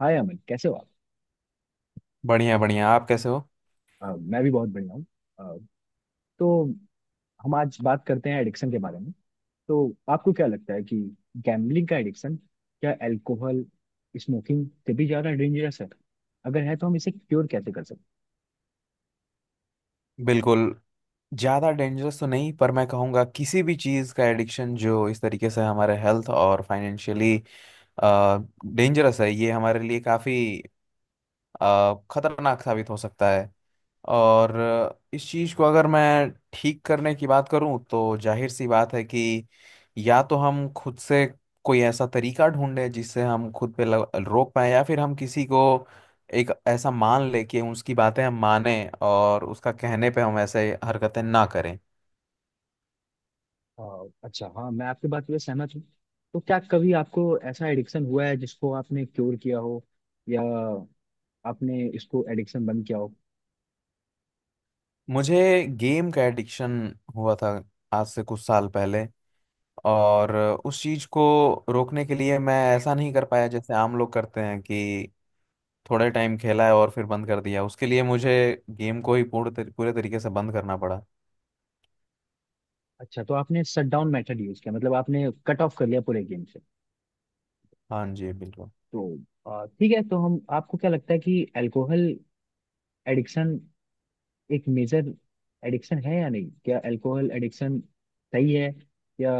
हाय अमन, कैसे हो आप। बढ़िया बढ़िया। आप कैसे हो। मैं भी बहुत बढ़िया हूँ। अ, तो हम आज बात करते हैं एडिक्शन के बारे में। तो आपको क्या लगता है कि गैम्बलिंग का एडिक्शन क्या अल्कोहल स्मोकिंग से भी ज़्यादा डेंजरस है? अगर है तो हम इसे क्योर कैसे कर सकते बिल्कुल। ज़्यादा डेंजरस तो नहीं, पर मैं कहूँगा किसी भी चीज़ का एडिक्शन जो इस तरीके से हमारे हेल्थ और फाइनेंशियली डेंजरस है, ये हमारे लिए काफ़ी खतरनाक साबित हो सकता है। और इस चीज़ को अगर मैं ठीक करने की बात करूं तो जाहिर सी बात है कि या तो हम खुद से कोई ऐसा तरीका ढूंढें जिससे हम खुद पे रोक पाए, या फिर हम किसी को एक ऐसा मान ले कि उसकी बातें हम माने और उसका कहने पे हम ऐसे हरकतें ना करें। हैं? अच्छा, हाँ, मैं आपकी बात पे सहमत हूँ। तो क्या कभी आपको ऐसा एडिक्शन हुआ है जिसको आपने क्योर किया हो, या आपने इसको एडिक्शन बंद किया हो? मुझे गेम का एडिक्शन हुआ था आज से कुछ साल पहले। और उस चीज को रोकने के लिए मैं ऐसा नहीं कर पाया जैसे आम लोग करते हैं कि थोड़े टाइम खेला है और फिर बंद कर दिया। उसके लिए मुझे गेम को ही पूरे तरीके से बंद करना पड़ा। अच्छा, तो आपने शट डाउन मेथड यूज किया, मतलब आपने कट ऑफ कर लिया पूरे गेम से। हाँ जी, बिल्कुल। तो ठीक है। तो हम आपको क्या लगता है कि अल्कोहल एडिक्शन एक मेजर एडिक्शन है या नहीं? क्या अल्कोहल एडिक्शन सही है, या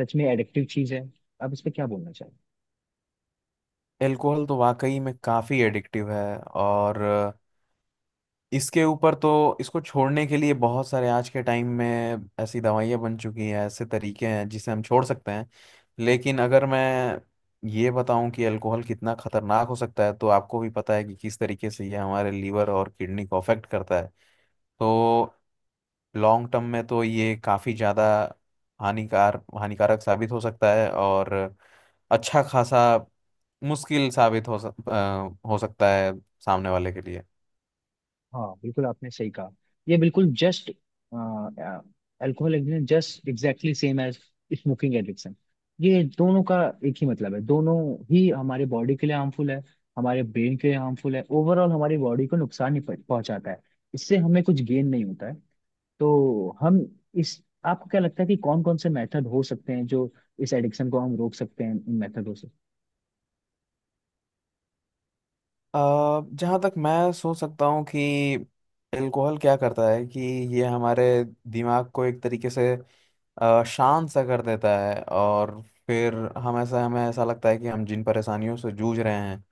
सच में एडिक्टिव चीज है? आप इस पे क्या बोलना चाहेंगे? एल्कोहल तो वाकई में काफ़ी एडिक्टिव है। और इसके ऊपर तो इसको छोड़ने के लिए बहुत सारे आज के टाइम में ऐसी दवाइयाँ बन चुकी हैं, ऐसे तरीके हैं जिसे हम छोड़ सकते हैं। लेकिन अगर मैं ये बताऊं कि अल्कोहल कितना खतरनाक हो सकता है, तो आपको भी पता है कि किस तरीके से ये हमारे लीवर और किडनी को अफेक्ट करता है। तो लॉन्ग टर्म में तो ये काफ़ी ज़्यादा हानिकारक साबित हो सकता है। और अच्छा खासा मुश्किल साबित हो हो सकता है सामने वाले के लिए। हाँ बिल्कुल, आपने सही कहा। ये बिल्कुल just alcohol addiction just exactly same as smoking addiction. ये दोनों का एक ही मतलब है, दोनों ही हमारे बॉडी के लिए हार्मफुल है, हमारे ब्रेन के लिए हार्मफुल है, ओवरऑल हमारी बॉडी को नुकसान ही पहुंचाता है। इससे हमें कुछ गेन नहीं होता है। तो हम इस आपको क्या लगता है कि कौन कौन से मेथड हो सकते हैं जो इस एडिक्शन को हम रोक सकते हैं इन मेथडों से? अ, जहाँ तक मैं सोच सकता हूँ कि एल्कोहल क्या करता है कि ये हमारे दिमाग को एक तरीके से शांत सा कर देता है। और फिर हम ऐसा हमें ऐसा लगता है कि हम जिन परेशानियों से जूझ रहे हैं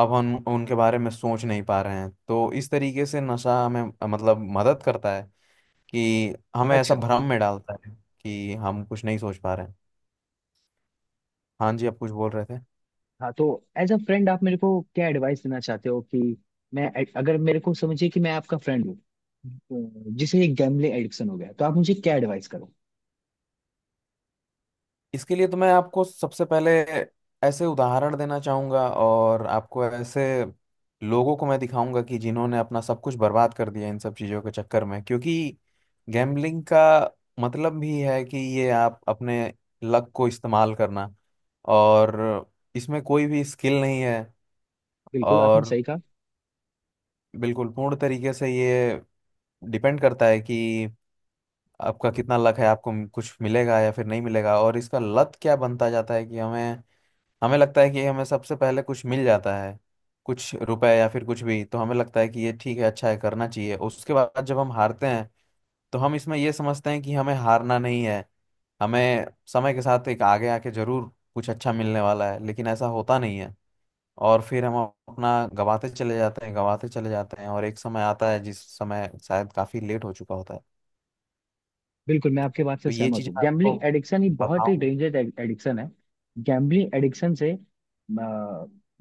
अब हम उनके बारे में सोच नहीं पा रहे हैं। तो इस तरीके से नशा हमें मतलब मदद करता है कि हमें ऐसा अच्छा। भ्रम में डालता है कि हम कुछ नहीं सोच पा रहे हैं। हाँ जी, आप कुछ बोल रहे थे। हाँ, तो एज अ फ्रेंड आप मेरे को क्या एडवाइस देना चाहते हो कि मैं अगर मेरे को समझिए कि मैं आपका फ्रेंड हूँ, जिसे एक गैम्बलिंग एडिक्शन हो गया, तो आप मुझे क्या एडवाइस करो? इसके लिए तो मैं आपको सबसे पहले ऐसे उदाहरण देना चाहूँगा और आपको ऐसे लोगों को मैं दिखाऊंगा कि जिन्होंने अपना सब कुछ बर्बाद कर दिया इन सब चीज़ों के चक्कर में। क्योंकि गैम्बलिंग का मतलब भी है कि ये आप अपने लक को इस्तेमाल करना, और इसमें कोई भी स्किल नहीं है। बिल्कुल आपने और सही कहा। बिल्कुल पूर्ण तरीके से ये डिपेंड करता है कि आपका कितना लक है, आपको कुछ मिलेगा या फिर नहीं मिलेगा। और इसका लत क्या बनता जाता है कि हमें हमें लगता है कि हमें सबसे पहले कुछ मिल जाता है, कुछ रुपए या फिर कुछ भी, तो हमें लगता है कि ये ठीक है, अच्छा है, करना चाहिए। उसके बाद जब हम हारते हैं तो हम इसमें ये समझते हैं कि हमें हारना नहीं है, हमें समय के साथ एक आगे आके जरूर कुछ अच्छा मिलने वाला है, लेकिन ऐसा होता नहीं है। और फिर हम अपना गवाते चले जाते हैं, गवाते चले जाते हैं, और एक समय आता है जिस समय शायद काफी लेट हो चुका होता है। बिल्कुल मैं आपके बात से तो ये सहमत चीज हूँ, मैं आपको गैम्बलिंग एडिक्शन ही बहुत ही बताऊं। डेंजर एडिक्शन है। गैम्बलिंग एडिक्शन से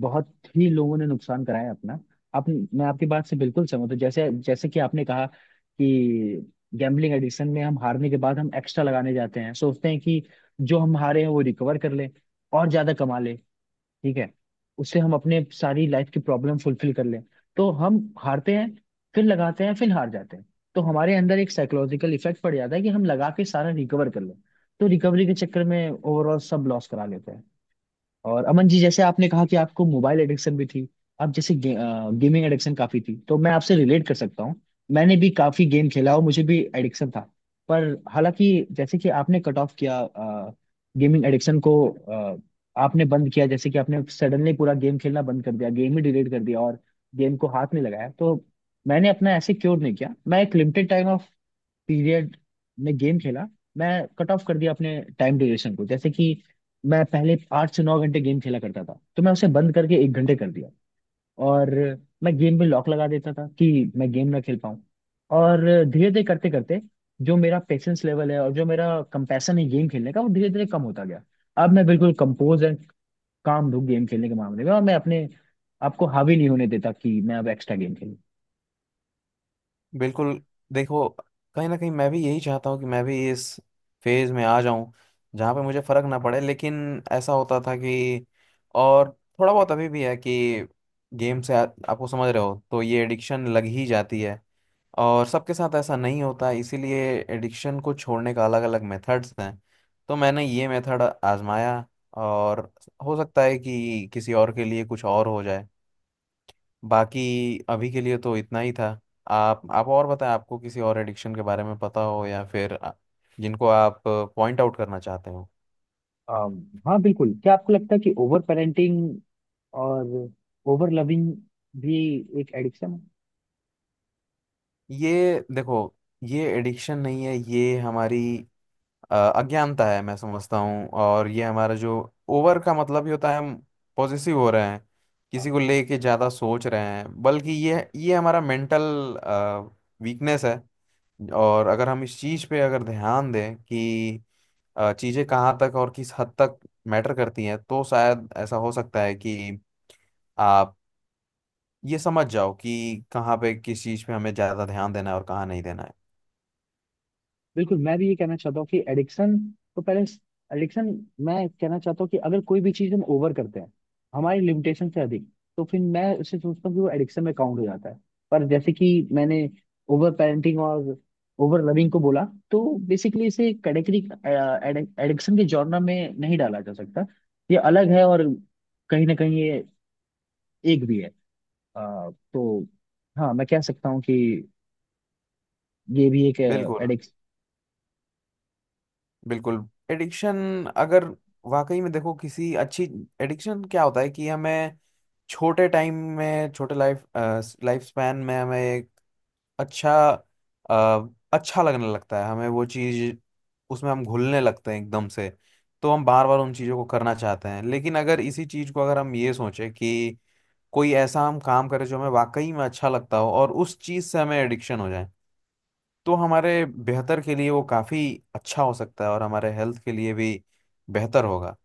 बहुत ही लोगों ने नुकसान कराया है अपना। आप मैं आपकी बात से बिल्कुल सहमत हूँ, जैसे जैसे कि आपने कहा कि गैम्बलिंग एडिक्शन में हम हारने के बाद हम एक्स्ट्रा लगाने जाते हैं, सोचते हैं कि जो हम हारे हैं वो रिकवर कर लें और ज्यादा कमा लें। ठीक है, उससे हम अपने सारी लाइफ की प्रॉब्लम फुलफिल कर लें। तो हम हारते हैं, फिर लगाते हैं, फिर हार जाते हैं। तो हमारे अंदर एक साइकोलॉजिकल इफेक्ट पड़ जाता है कि हम लगा के सारा रिकवर कर लें। तो रिकवरी के चक्कर में ओवरऑल सब लॉस करा लेते हैं। और अमन जी, जैसे आपने कहा कि आपको मोबाइल एडिक्शन भी थी, आप जैसे गेमिंग एडिक्शन काफी थी, तो मैं आपसे रिलेट कर सकता हूँ। मैंने भी काफी गेम खेला और मुझे भी एडिक्शन था, पर हालांकि जैसे कि आपने कट ऑफ किया गेमिंग एडिक्शन को, आपने बंद किया, जैसे कि आपने सडनली पूरा गेम खेलना बंद कर दिया, गेम ही डिलीट कर दिया और गेम को हाथ नहीं लगाया। तो मैंने अपना ऐसे क्योर नहीं किया, मैं एक लिमिटेड टाइम पीरियड में गेम खेला। मैं कट ऑफ कर दिया अपने टाइम ड्यूरेशन को, जैसे कि मैं पहले आठ से नौ घंटे गेम खेला करता था, तो मैं उसे बंद करके एक घंटे कर दिया। और मैं गेम में लॉक लगा देता था कि मैं गेम ना खेल पाऊँ। और धीरे धीरे करते करते जो मेरा पेशेंस लेवल है और जो मेरा कंपैशन है गेम खेलने का, वो धीरे धीरे कम होता गया। अब मैं बिल्कुल कंपोज एंड काम हूँ गेम खेलने के मामले में, और मैं अपने आपको हावी नहीं होने देता कि मैं अब एक्स्ट्रा गेम। बिल्कुल। देखो, कहीं ना कहीं मैं भी यही चाहता हूँ कि मैं भी इस फेज में आ जाऊं जहाँ पे मुझे फर्क ना पड़े। लेकिन ऐसा होता था कि और थोड़ा बहुत अभी भी है कि गेम से आपको समझ रहे हो, तो ये एडिक्शन लग ही जाती है। और सबके साथ ऐसा नहीं होता, इसीलिए एडिक्शन को छोड़ने का अलग अलग मेथड्स हैं। तो मैंने ये मेथड आजमाया, और हो सकता है कि किसी और के लिए कुछ और हो जाए। बाकी अभी के लिए तो इतना ही था। आप और बताएं, आपको किसी और एडिक्शन के बारे में पता हो या फिर जिनको आप पॉइंट आउट करना चाहते हो। हाँ बिल्कुल, क्या आपको लगता है कि ओवर पेरेंटिंग और ओवर लविंग भी एक एडिक्शन है? ये देखो, ये एडिक्शन नहीं है, ये हमारी अज्ञानता है, मैं समझता हूँ। और ये हमारा जो ओवर का मतलब ही होता है, हम पॉसेसिव हो रहे हैं, हाँ किसी को लेके ज़्यादा सोच रहे हैं, बल्कि ये हमारा मेंटल वीकनेस है। और अगर हम इस चीज़ पे अगर ध्यान दें कि चीज़ें कहाँ तक और किस हद तक मैटर करती हैं, तो शायद ऐसा हो सकता है कि आप ये समझ जाओ कि कहाँ पे किस चीज़ पे हमें ज़्यादा ध्यान देना है और कहाँ नहीं देना है। बिल्कुल, मैं भी ये कहना चाहता हूँ कि एडिक्शन तो पहले एडिक्शन, मैं कहना चाहता हूँ कि अगर कोई भी चीज़ हम ओवर करते हैं, हमारी लिमिटेशन से अधिक, तो फिर मैं उसे सोचता हूँ कि वो एडिक्शन में काउंट हो जाता है। पर जैसे कि मैंने ओवर पेरेंटिंग और ओवर लविंग को बोला, तो बेसिकली इसे कैटेगरी एडिक्शन के जॉनर में नहीं डाला जा सकता, ये अलग है। और कहीं ना कहीं ये एक भी है। अ, तो हाँ, मैं कह सकता हूँ कि ये भी एक बिल्कुल, एडिक्स। बिल्कुल। एडिक्शन अगर वाकई में देखो किसी अच्छी, एडिक्शन क्या होता है कि हमें छोटे टाइम में छोटे लाइफ लाइफ स्पैन में हमें अच्छा अच्छा लगने लगता है, हमें वो चीज़ उसमें हम घुलने लगते हैं एकदम से। तो हम बार बार उन चीज़ों को करना चाहते हैं। लेकिन अगर इसी चीज़ को अगर हम ये सोचें कि कोई ऐसा हम काम करें जो हमें वाकई में अच्छा लगता हो, और उस चीज़ से हमें एडिक्शन हो जाए, तो हमारे बेहतर के लिए वो काफ़ी अच्छा हो सकता है और हमारे हेल्थ के लिए भी बेहतर होगा।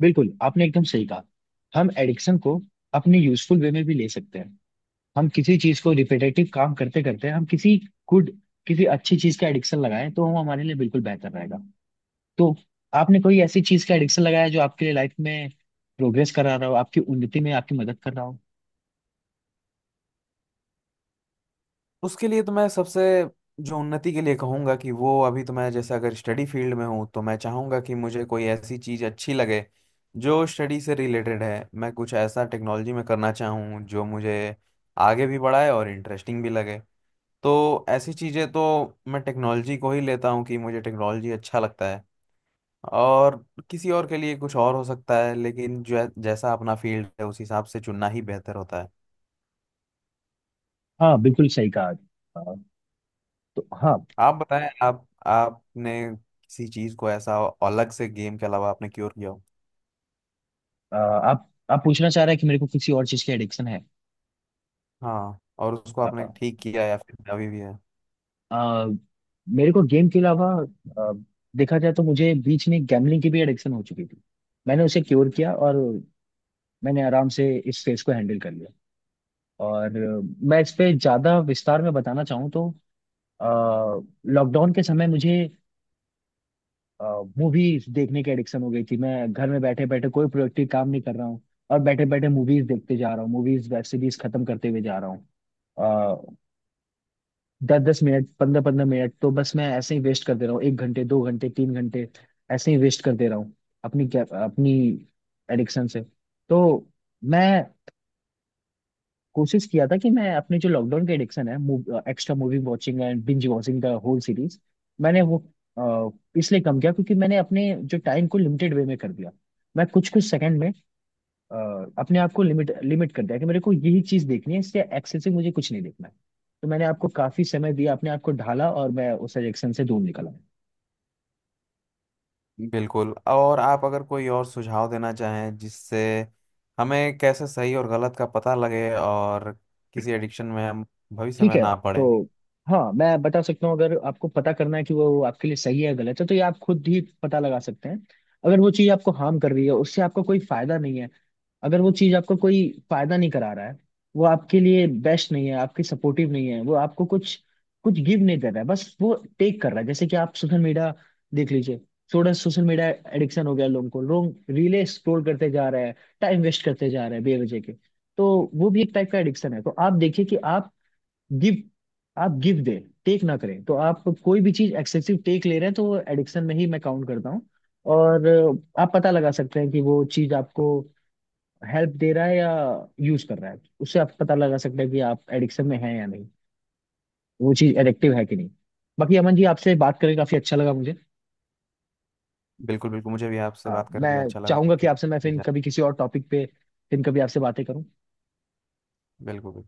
बिल्कुल आपने एकदम सही कहा। हम एडिक्शन को अपने यूजफुल वे में भी ले सकते हैं। हम किसी चीज को रिपीटेटिव काम करते करते, हम किसी गुड, किसी अच्छी चीज का एडिक्शन लगाएं तो वो हमारे लिए बिल्कुल बेहतर रहेगा। तो आपने कोई ऐसी चीज का एडिक्शन लगाया जो आपके लिए लाइफ में प्रोग्रेस करा रहा हो, आपकी उन्नति में आपकी मदद कर रहा हो? उसके लिए तो मैं सबसे, जो उन्नति के लिए कहूँगा कि वो अभी तो मैं जैसे अगर स्टडी फील्ड में हूँ तो मैं चाहूँगा कि मुझे कोई ऐसी चीज़ अच्छी लगे जो स्टडी से रिलेटेड है। मैं कुछ ऐसा टेक्नोलॉजी में करना चाहूँ जो मुझे आगे भी बढ़ाए और इंटरेस्टिंग भी लगे। तो ऐसी चीज़ें तो मैं टेक्नोलॉजी को ही लेता हूँ कि मुझे टेक्नोलॉजी अच्छा लगता है। और किसी और के लिए कुछ और हो सकता है, लेकिन जो जैसा अपना फील्ड है उस हिसाब से चुनना ही बेहतर होता है। हाँ बिल्कुल, सही कहा। तो हाँ। आप बताएं, आप आपने किसी चीज को ऐसा अलग से गेम के अलावा आपने क्योर किया हो। आप पूछना चाह रहे हैं कि मेरे को किसी और चीज की एडिक्शन हाँ, और उसको आपने है? ठीक किया या फिर अभी भी है। आ, मेरे को गेम के अलावा, आ, देखा जाए तो मुझे बीच में गैम्बलिंग की भी एडिक्शन हो चुकी थी। मैंने उसे क्योर किया और मैंने आराम से इस फेज को हैंडल कर लिया। और मैं इस पे ज्यादा विस्तार में बताना चाहूँ तो लॉकडाउन के समय मुझे मूवीज देखने की एडिक्शन हो गई थी। मैं घर में बैठे बैठे कोई प्रोडक्टिव काम नहीं कर रहा हूँ, और बैठे बैठे मूवीज देखते जा रहा हूँ, मूवीज वेब सीरीज खत्म करते हुए जा रहा हूँ। दस दस मिनट, पंद्रह पंद्रह मिनट, तो बस मैं ऐसे ही वेस्ट कर दे रहा हूँ, एक घंटे, दो घंटे, तीन घंटे ऐसे ही वेस्ट कर दे रहा हूँ अपनी, क्या अपनी एडिक्शन से। तो मैं कोशिश किया था कि मैं अपने जो लॉकडाउन के एडिक्शन है, extra movie watching and binge watching the whole series, मैंने वो अ, इसलिए कम किया क्योंकि मैंने अपने जो टाइम को लिमिटेड वे में कर दिया। मैं कुछ कुछ सेकंड में अ, अपने आप को लिमिट लिमिट कर दिया कि मेरे को यही चीज देखनी है, इससे एक्सेस से मुझे कुछ नहीं देखना है। तो मैंने आपको काफी समय दिया, अपने आप को ढाला, और मैं उस एडिक्शन से दूर निकला। बिल्कुल। और आप अगर कोई और सुझाव देना चाहें जिससे हमें कैसे सही और गलत का पता लगे और किसी एडिक्शन में हम भविष्य ठीक में है, ना तो पड़े। हाँ मैं बता सकता हूँ। अगर आपको पता करना है कि वो आपके लिए सही है, गलत है, तो ये आप खुद ही पता लगा सकते हैं। अगर वो चीज आपको हार्म कर रही है, उससे आपको कोई फायदा नहीं है, अगर वो चीज आपको कोई फायदा नहीं करा रहा है, वो आपके लिए बेस्ट नहीं है, आपकी सपोर्टिव नहीं है, वो आपको कुछ कुछ गिव नहीं कर रहा है, बस वो टेक कर रहा है। जैसे कि आप सोशल मीडिया देख लीजिए, थोड़ा सोशल मीडिया एडिक्शन हो गया लोगों को, लोग रीले स्क्रॉल करते जा रहे हैं, टाइम वेस्ट करते जा रहे हैं बेवजह के। तो वो भी एक टाइप का एडिक्शन है। तो आप देखिए कि गिव आप गिव दे, टेक ना करें। तो आप कोई भी चीज एक्सेसिव टेक ले रहे हैं तो वो एडिक्शन में ही मैं काउंट करता हूँ। और आप पता लगा सकते हैं कि वो चीज आपको हेल्प दे रहा है या यूज कर रहा है। उससे आप पता लगा सकते हैं कि आप एडिक्शन में हैं या नहीं, वो चीज एडिक्टिव है कि नहीं। बाकी अमन जी, आपसे बात करके काफी अच्छा लगा मुझे। बिल्कुल, बिल्कुल, मुझे भी आपसे हाँ, बात मैं करके अच्छा लगा। चाहूंगा कि बिल्कुल आपसे मैं फिर कभी किसी और टॉपिक पे, फिर कभी आपसे बातें करूँ। बिल्कुल।